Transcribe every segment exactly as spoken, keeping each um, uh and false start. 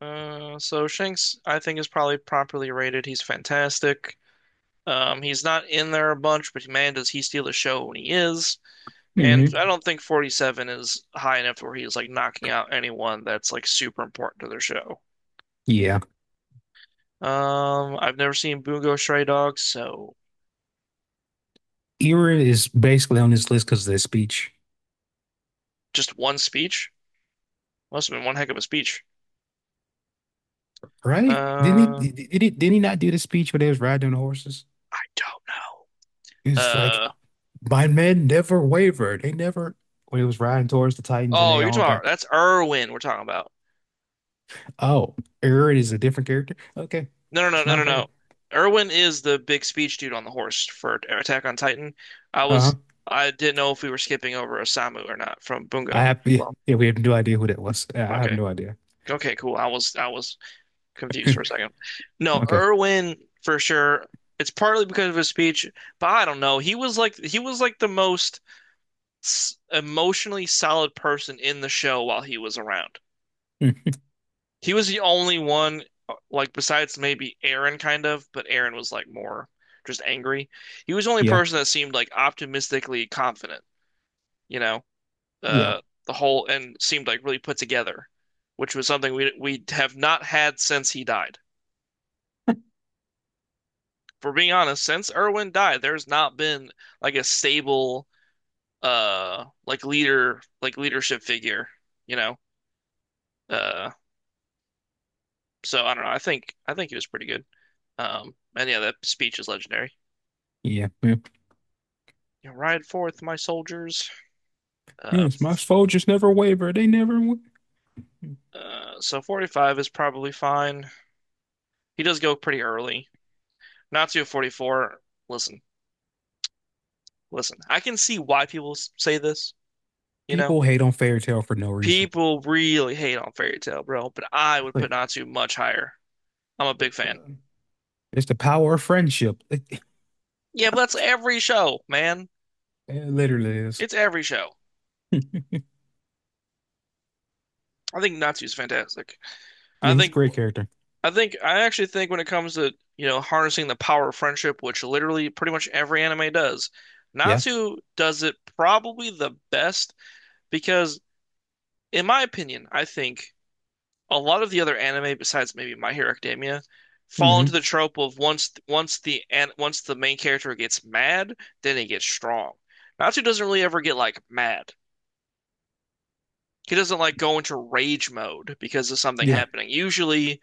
Uh, so Shanks, I think, is probably properly rated. He's fantastic. Um, he's not in there a bunch, but man, does he steal the show when he is. And Hmm. I don't think forty-seven is high enough where he's like knocking out anyone that's like super important to their show. Yeah. Um, I've never seen Bungo Stray Dogs, so Era is basically on this list because of that speech, just one speech must have been one heck of a speech. right? Didn't he Uh, did, did he did he not do the speech when they was riding on the horses? I don't know. He's like, Uh, my men never wavered. They never when he was riding towards the Titans and Oh, they you're all talking about got that's Irwin we're talking about. oh, Era is a different character? Okay. No, no, no, It's no, my no, no. bad. Erwin is the big speech dude on the horse for Attack on Titan. I was, Uh-huh. I didn't know if we were skipping over Osamu or not from I Bungo. have yeah, Well, yeah, we have no idea who that was. I I have okay, no idea. okay, cool. I was, I was confused for a second. No, Okay. Erwin for sure. It's partly because of his speech, but I don't know. He was like, he was like the most s- emotionally solid person in the show while he was around. Hmm. He was the only one, uh, like besides maybe Aaron, kind of, but Aaron was like more just angry. He was the only Yeah. person that seemed like optimistically confident, you know, Yeah. uh, the whole and seemed like really put together, which was something we we have not had since he died. For being honest, since Irwin died, there's not been like a stable, uh, like leader, like leadership figure, you know. Uh, so I don't know. I think I think he was pretty good. Um, and yeah, that speech is legendary. Yeah. Yeah. You know, ride forth, my soldiers. Uh, Yes, my soldiers never waver. They never wa- uh, so forty-five is probably fine. He does go pretty early. Natsu forty-four. Listen, listen. I can see why people say this. You know, People hate on fairy tale for no reason. people really hate on Fairy Tail, bro. But I It's would put Like, Natsu much higher. I'm a big Like, fan. uh, it's the power of friendship. It, Yeah, but that's every show, man. It literally is. It's every show. Yeah, I think Natsu's fantastic. I he's a think great character. I think I actually think when it comes to, you know, harnessing the power of friendship, which literally pretty much every anime does, Yeah. Natsu does it probably the best because in my opinion, I think a lot of the other anime besides maybe My Hero Academia fall into Hmm. the trope of once once the an- once the main character gets mad, then he gets strong. Natsu doesn't really ever get like mad. He doesn't like go into rage mode because of something Yeah. happening. Usually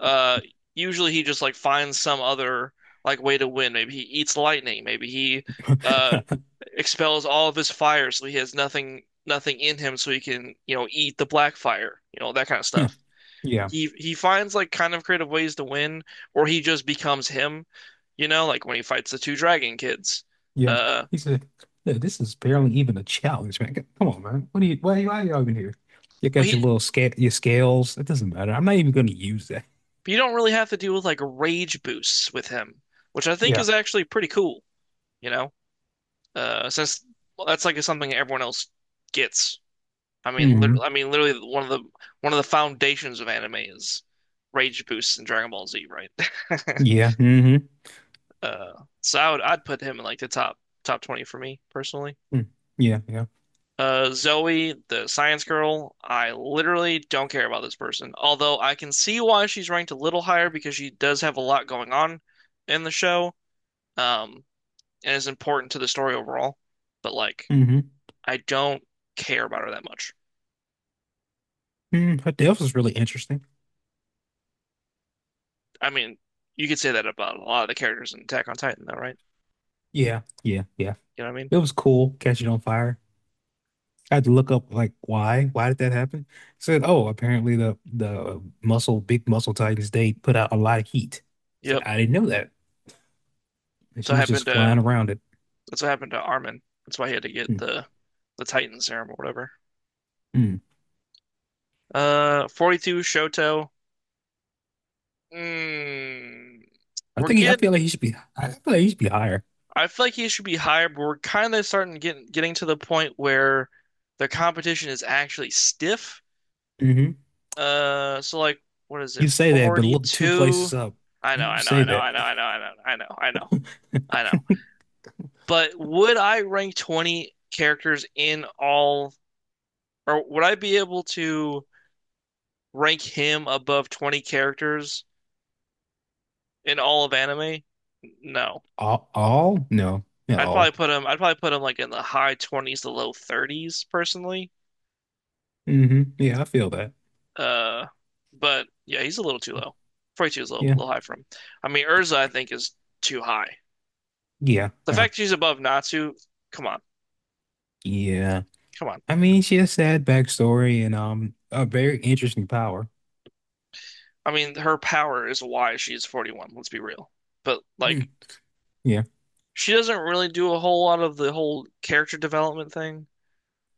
Uh, usually he just like finds some other like way to win. Maybe he eats lightning. Maybe he uh expels all of his fire so he has nothing nothing in him so he can, you know, eat the black fire, you know, that kind of stuff. Yeah. He he finds like kind of creative ways to win, or he just becomes him, you know, like when he fights the two dragon kids. Yeah. Uh, He said, "Look, this is barely even a challenge, man. Come on, man. What are you, why, why are y'all even here? You but got your he little scale, your scales. It doesn't matter. I'm not even going to use that. you don't really have to deal with like rage boosts with him, which I think Yeah. is actually pretty cool, you know? Uh, since well, that's like something everyone else gets. I mean, hmm. literally, I mean, literally one of the one of the foundations of anime is rage boosts in Dragon Ball Z, right? Yeah. Hmm. Uh, so I would I'd put him in like the top top twenty for me personally. Yeah. Yeah. Uh, Zoe, the science girl, I literally don't care about this person. Although I can see why she's ranked a little higher because she does have a lot going on in the show, um, and is important to the story overall. But like, Hmm. I don't care about her that much. Mm, her death was really interesting. I mean, you could say that about a lot of the characters in Attack on Titan, though, right? Yeah. Yeah. Yeah. You know what I mean? It was cool. Catch it on fire. I had to look up like why why did that happen? Said, oh, apparently the the uh, muscle big muscle titans they put out a lot of heat. Said Yep. I didn't know that, and That's she what was happened just to flying around it. that's what happened to Armin. That's why he had to get Hmm, the the Titan serum or whatever. hmm. Uh, forty-two Shoto. Mm, I we're think he, I getting. feel like he should be I feel like he should be higher. I feel like he should be higher, but we're kind of starting getting getting to the point where the competition is actually stiff. Hmm. Uh, so like, what is You it? say that, but look two forty-two. places up. I know, You, you I know, say I know, that. I know, I know, I know, I know, I know, I know. But would I rank twenty characters in all, or would I be able to rank him above twenty characters in all of anime? No. All, all? No, not I'd probably all. put him, I'd probably put him like in the high twenties to low thirties personally. Hmm. Yeah, I feel that. Uh, but yeah, he's a little too low. forty-two is a little, a Yeah, little high for him. I mean, Urza, I think, is too high. yeah, The yeah, fact she's above Natsu, come on, yeah. come on. I mean, she has sad backstory and um a very interesting power. I mean, her power is why she's forty-one, let's be real. But Hmm. like Yeah. she doesn't really do a whole lot of the whole character development thing.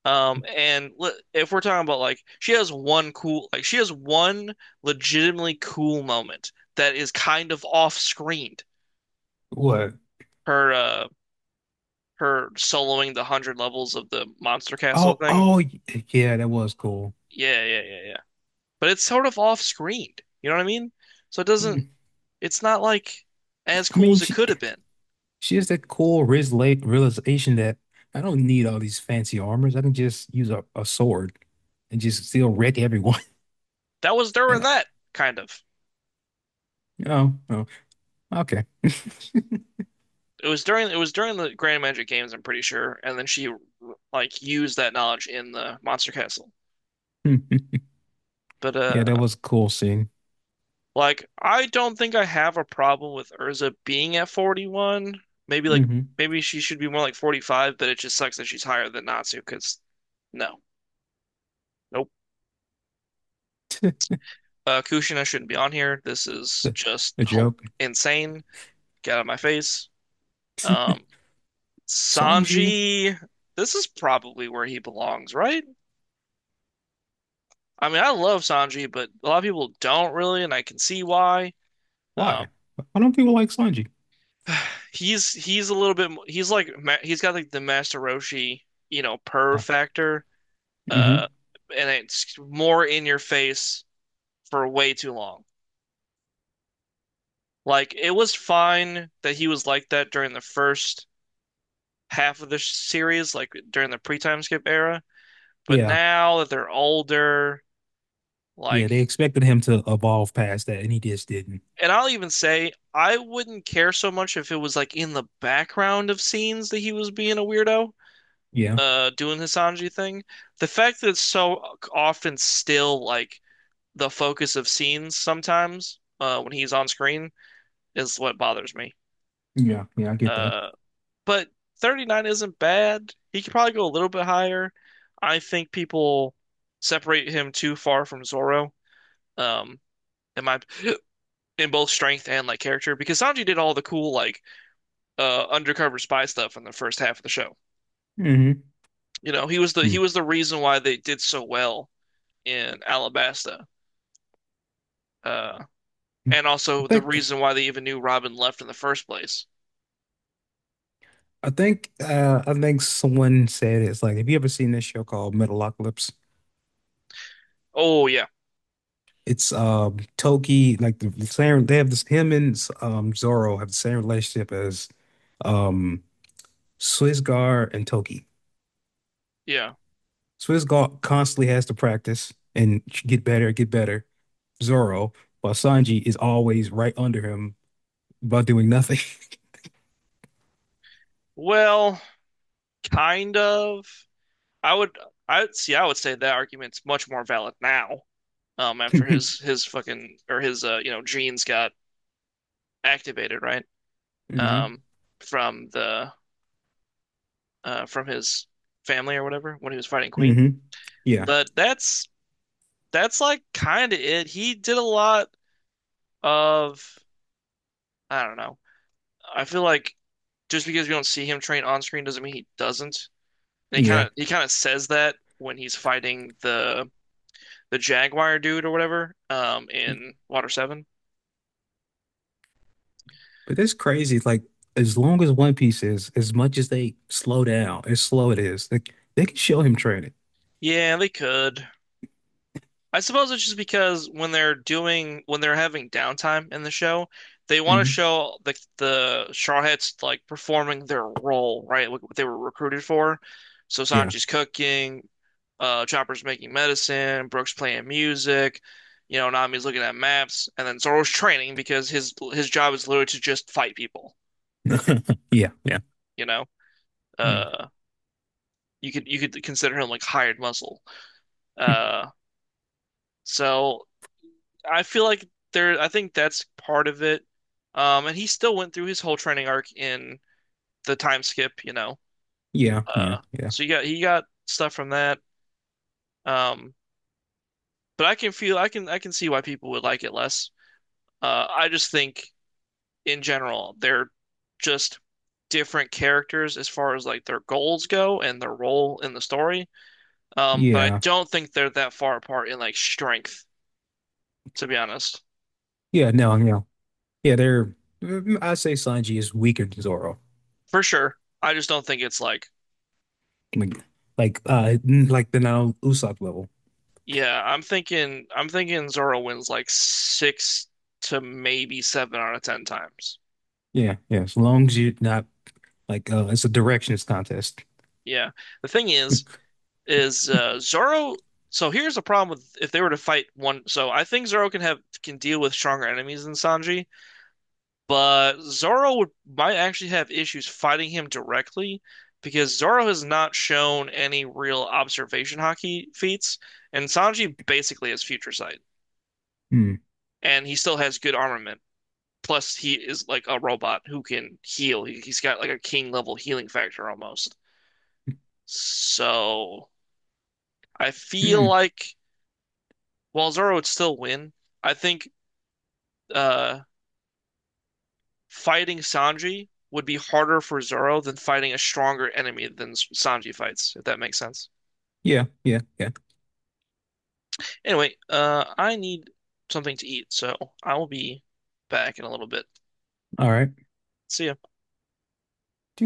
Um, and le- if we're talking about like she has one cool, like she has one legitimately cool moment that is kind of off screened. What? Her uh her soloing the hundred levels of the Monster Castle Oh, thing. oh, y- yeah, that was cool. Yeah, yeah, yeah, yeah. But it's sort of off screened. You know what I mean? So it doesn't. Mm. It's not like as I cool mean, as it she could have been. she has that cool reala- realization that I don't need all these fancy armors. I can just use a, a sword and just still wreck everyone. That was during That- that kind of. Oh, oh, okay. It was during it was during the Grand Magic Games, I'm pretty sure, and then she like used that knowledge in the Monster Castle. Yeah, But uh, that was a cool scene. like I don't think I have a problem with Urza being at forty-one. Maybe like Hmm. maybe she should be more like forty-five, but it just sucks that she's higher than Natsu because no, nope. Uh, Kushina shouldn't be on here. This is The, just the hel- joke. insane. Get out of my face. Um, Sanji, Sanji, this is probably where he belongs, right? I mean, I love Sanji, but a lot of people don't really, and I can see why. Um, why? Why don't people like Sanji? he's he's a little bit mo- he's like ma- he's got like the Master Roshi, you know, purr Uh, factor, uh, hmm. and it's more in your face for way too long. Like it was fine that he was like that during the first half of the series, like during the pre-time skip era, but Yeah, now that they're older, yeah, like they expected him to evolve past that, and he just didn't. And I'll even say I wouldn't care so much if it was like in the background of scenes that he was being a weirdo, Yeah, uh, doing his Sanji thing. The fact that it's so often still like the focus of scenes sometimes, uh, when he's on screen is what bothers me. yeah, yeah, I get that. Uh, but thirty-nine isn't bad. He could probably go a little bit higher. I think people separate him too far from Zoro, um, in my in both strength and like character because Sanji did all the cool like uh, undercover spy stuff in the first half of the show. Hmm. You know, he was the he was the reason why they did so well in Alabasta, uh, and I also the think. reason why they even knew Robin left in the first place. I think uh, I think someone said it's like, have you ever seen this show called Metalocalypse? Oh yeah, It's um Toki, like the the same they have this him and um Zoro have the same relationship as um Swiss Guard and Toki. yeah. Swiss Guard constantly has to practice and get better, get better. Zoro, while Sanji is always right under him about doing nothing. Well, kind of. I would I see. I would say that argument's much more valid now. Um, after his his fucking or his uh you know genes got activated, right? Hmm. Um, from the uh from his family or whatever when he was fighting Queen. Hmm. Yeah. But that's that's like kind of it. He did a lot of, I don't know. I feel like just because we don't see him train on screen doesn't mean he doesn't. And he Yeah. kind of he kind of says that when he's fighting the the Jaguar dude or whatever um in Water seven. But that's crazy. Like as long as One Piece is, as much as they slow down, as slow it is, like they can show him training. Yeah, they could. I suppose it's just because when they're doing when they're having downtime in the show, they want to Hmm. show the the Shawheads like performing their role, right? Like what they were recruited for. So Yeah. Sanji's cooking, uh, Chopper's making medicine, Brooks playing music, you know, Nami's looking at maps, and then Zoro's training because his his job is literally to just fight people, Yeah. Yeah. you know? Mm. Uh, you could you could consider him like hired muscle. Uh, so I feel like there, I think that's part of it. Um, and he still went through his whole training arc in the time skip, you know. Yeah. Yeah. Uh, Yeah. so you got he got stuff from that. Um, but I can feel, I can, I can see why people would like it less. Uh, I just think in general they're just different characters as far as like their goals go and their role in the story. Um, but I Yeah. don't think they're that far apart in like strength, to be honest. Yeah. No. No. Yeah. They're. Mm, I say Sanji is weaker than Zoro. For sure. I just don't think it's like Like, like, uh, mm, like the now Usopp level. Yeah, I'm thinking I'm thinking Zoro wins like six to maybe seven out of ten times. Yeah. Yeah. As long as you're not like, uh, it's a directions contest. Yeah. The thing is, is uh Zoro so here's the problem with if they were to fight one so I think Zoro can have can deal with stronger enemies than Sanji, but Zoro would might actually have issues fighting him directly because Zoro has not shown any real observation hockey feats, and Sanji basically has future sight, Mm. and he still has good armament. Plus, he is like a robot who can heal. He- has got like a king level healing factor almost. So I feel Mm. like while Zoro would still win, I think uh, fighting Sanji would be harder for Zoro than fighting a stronger enemy than Sanji fights, if that makes sense. Yeah. Yeah. Yeah. Anyway, uh, I need something to eat, so I will be back in a little bit. All right. See ya.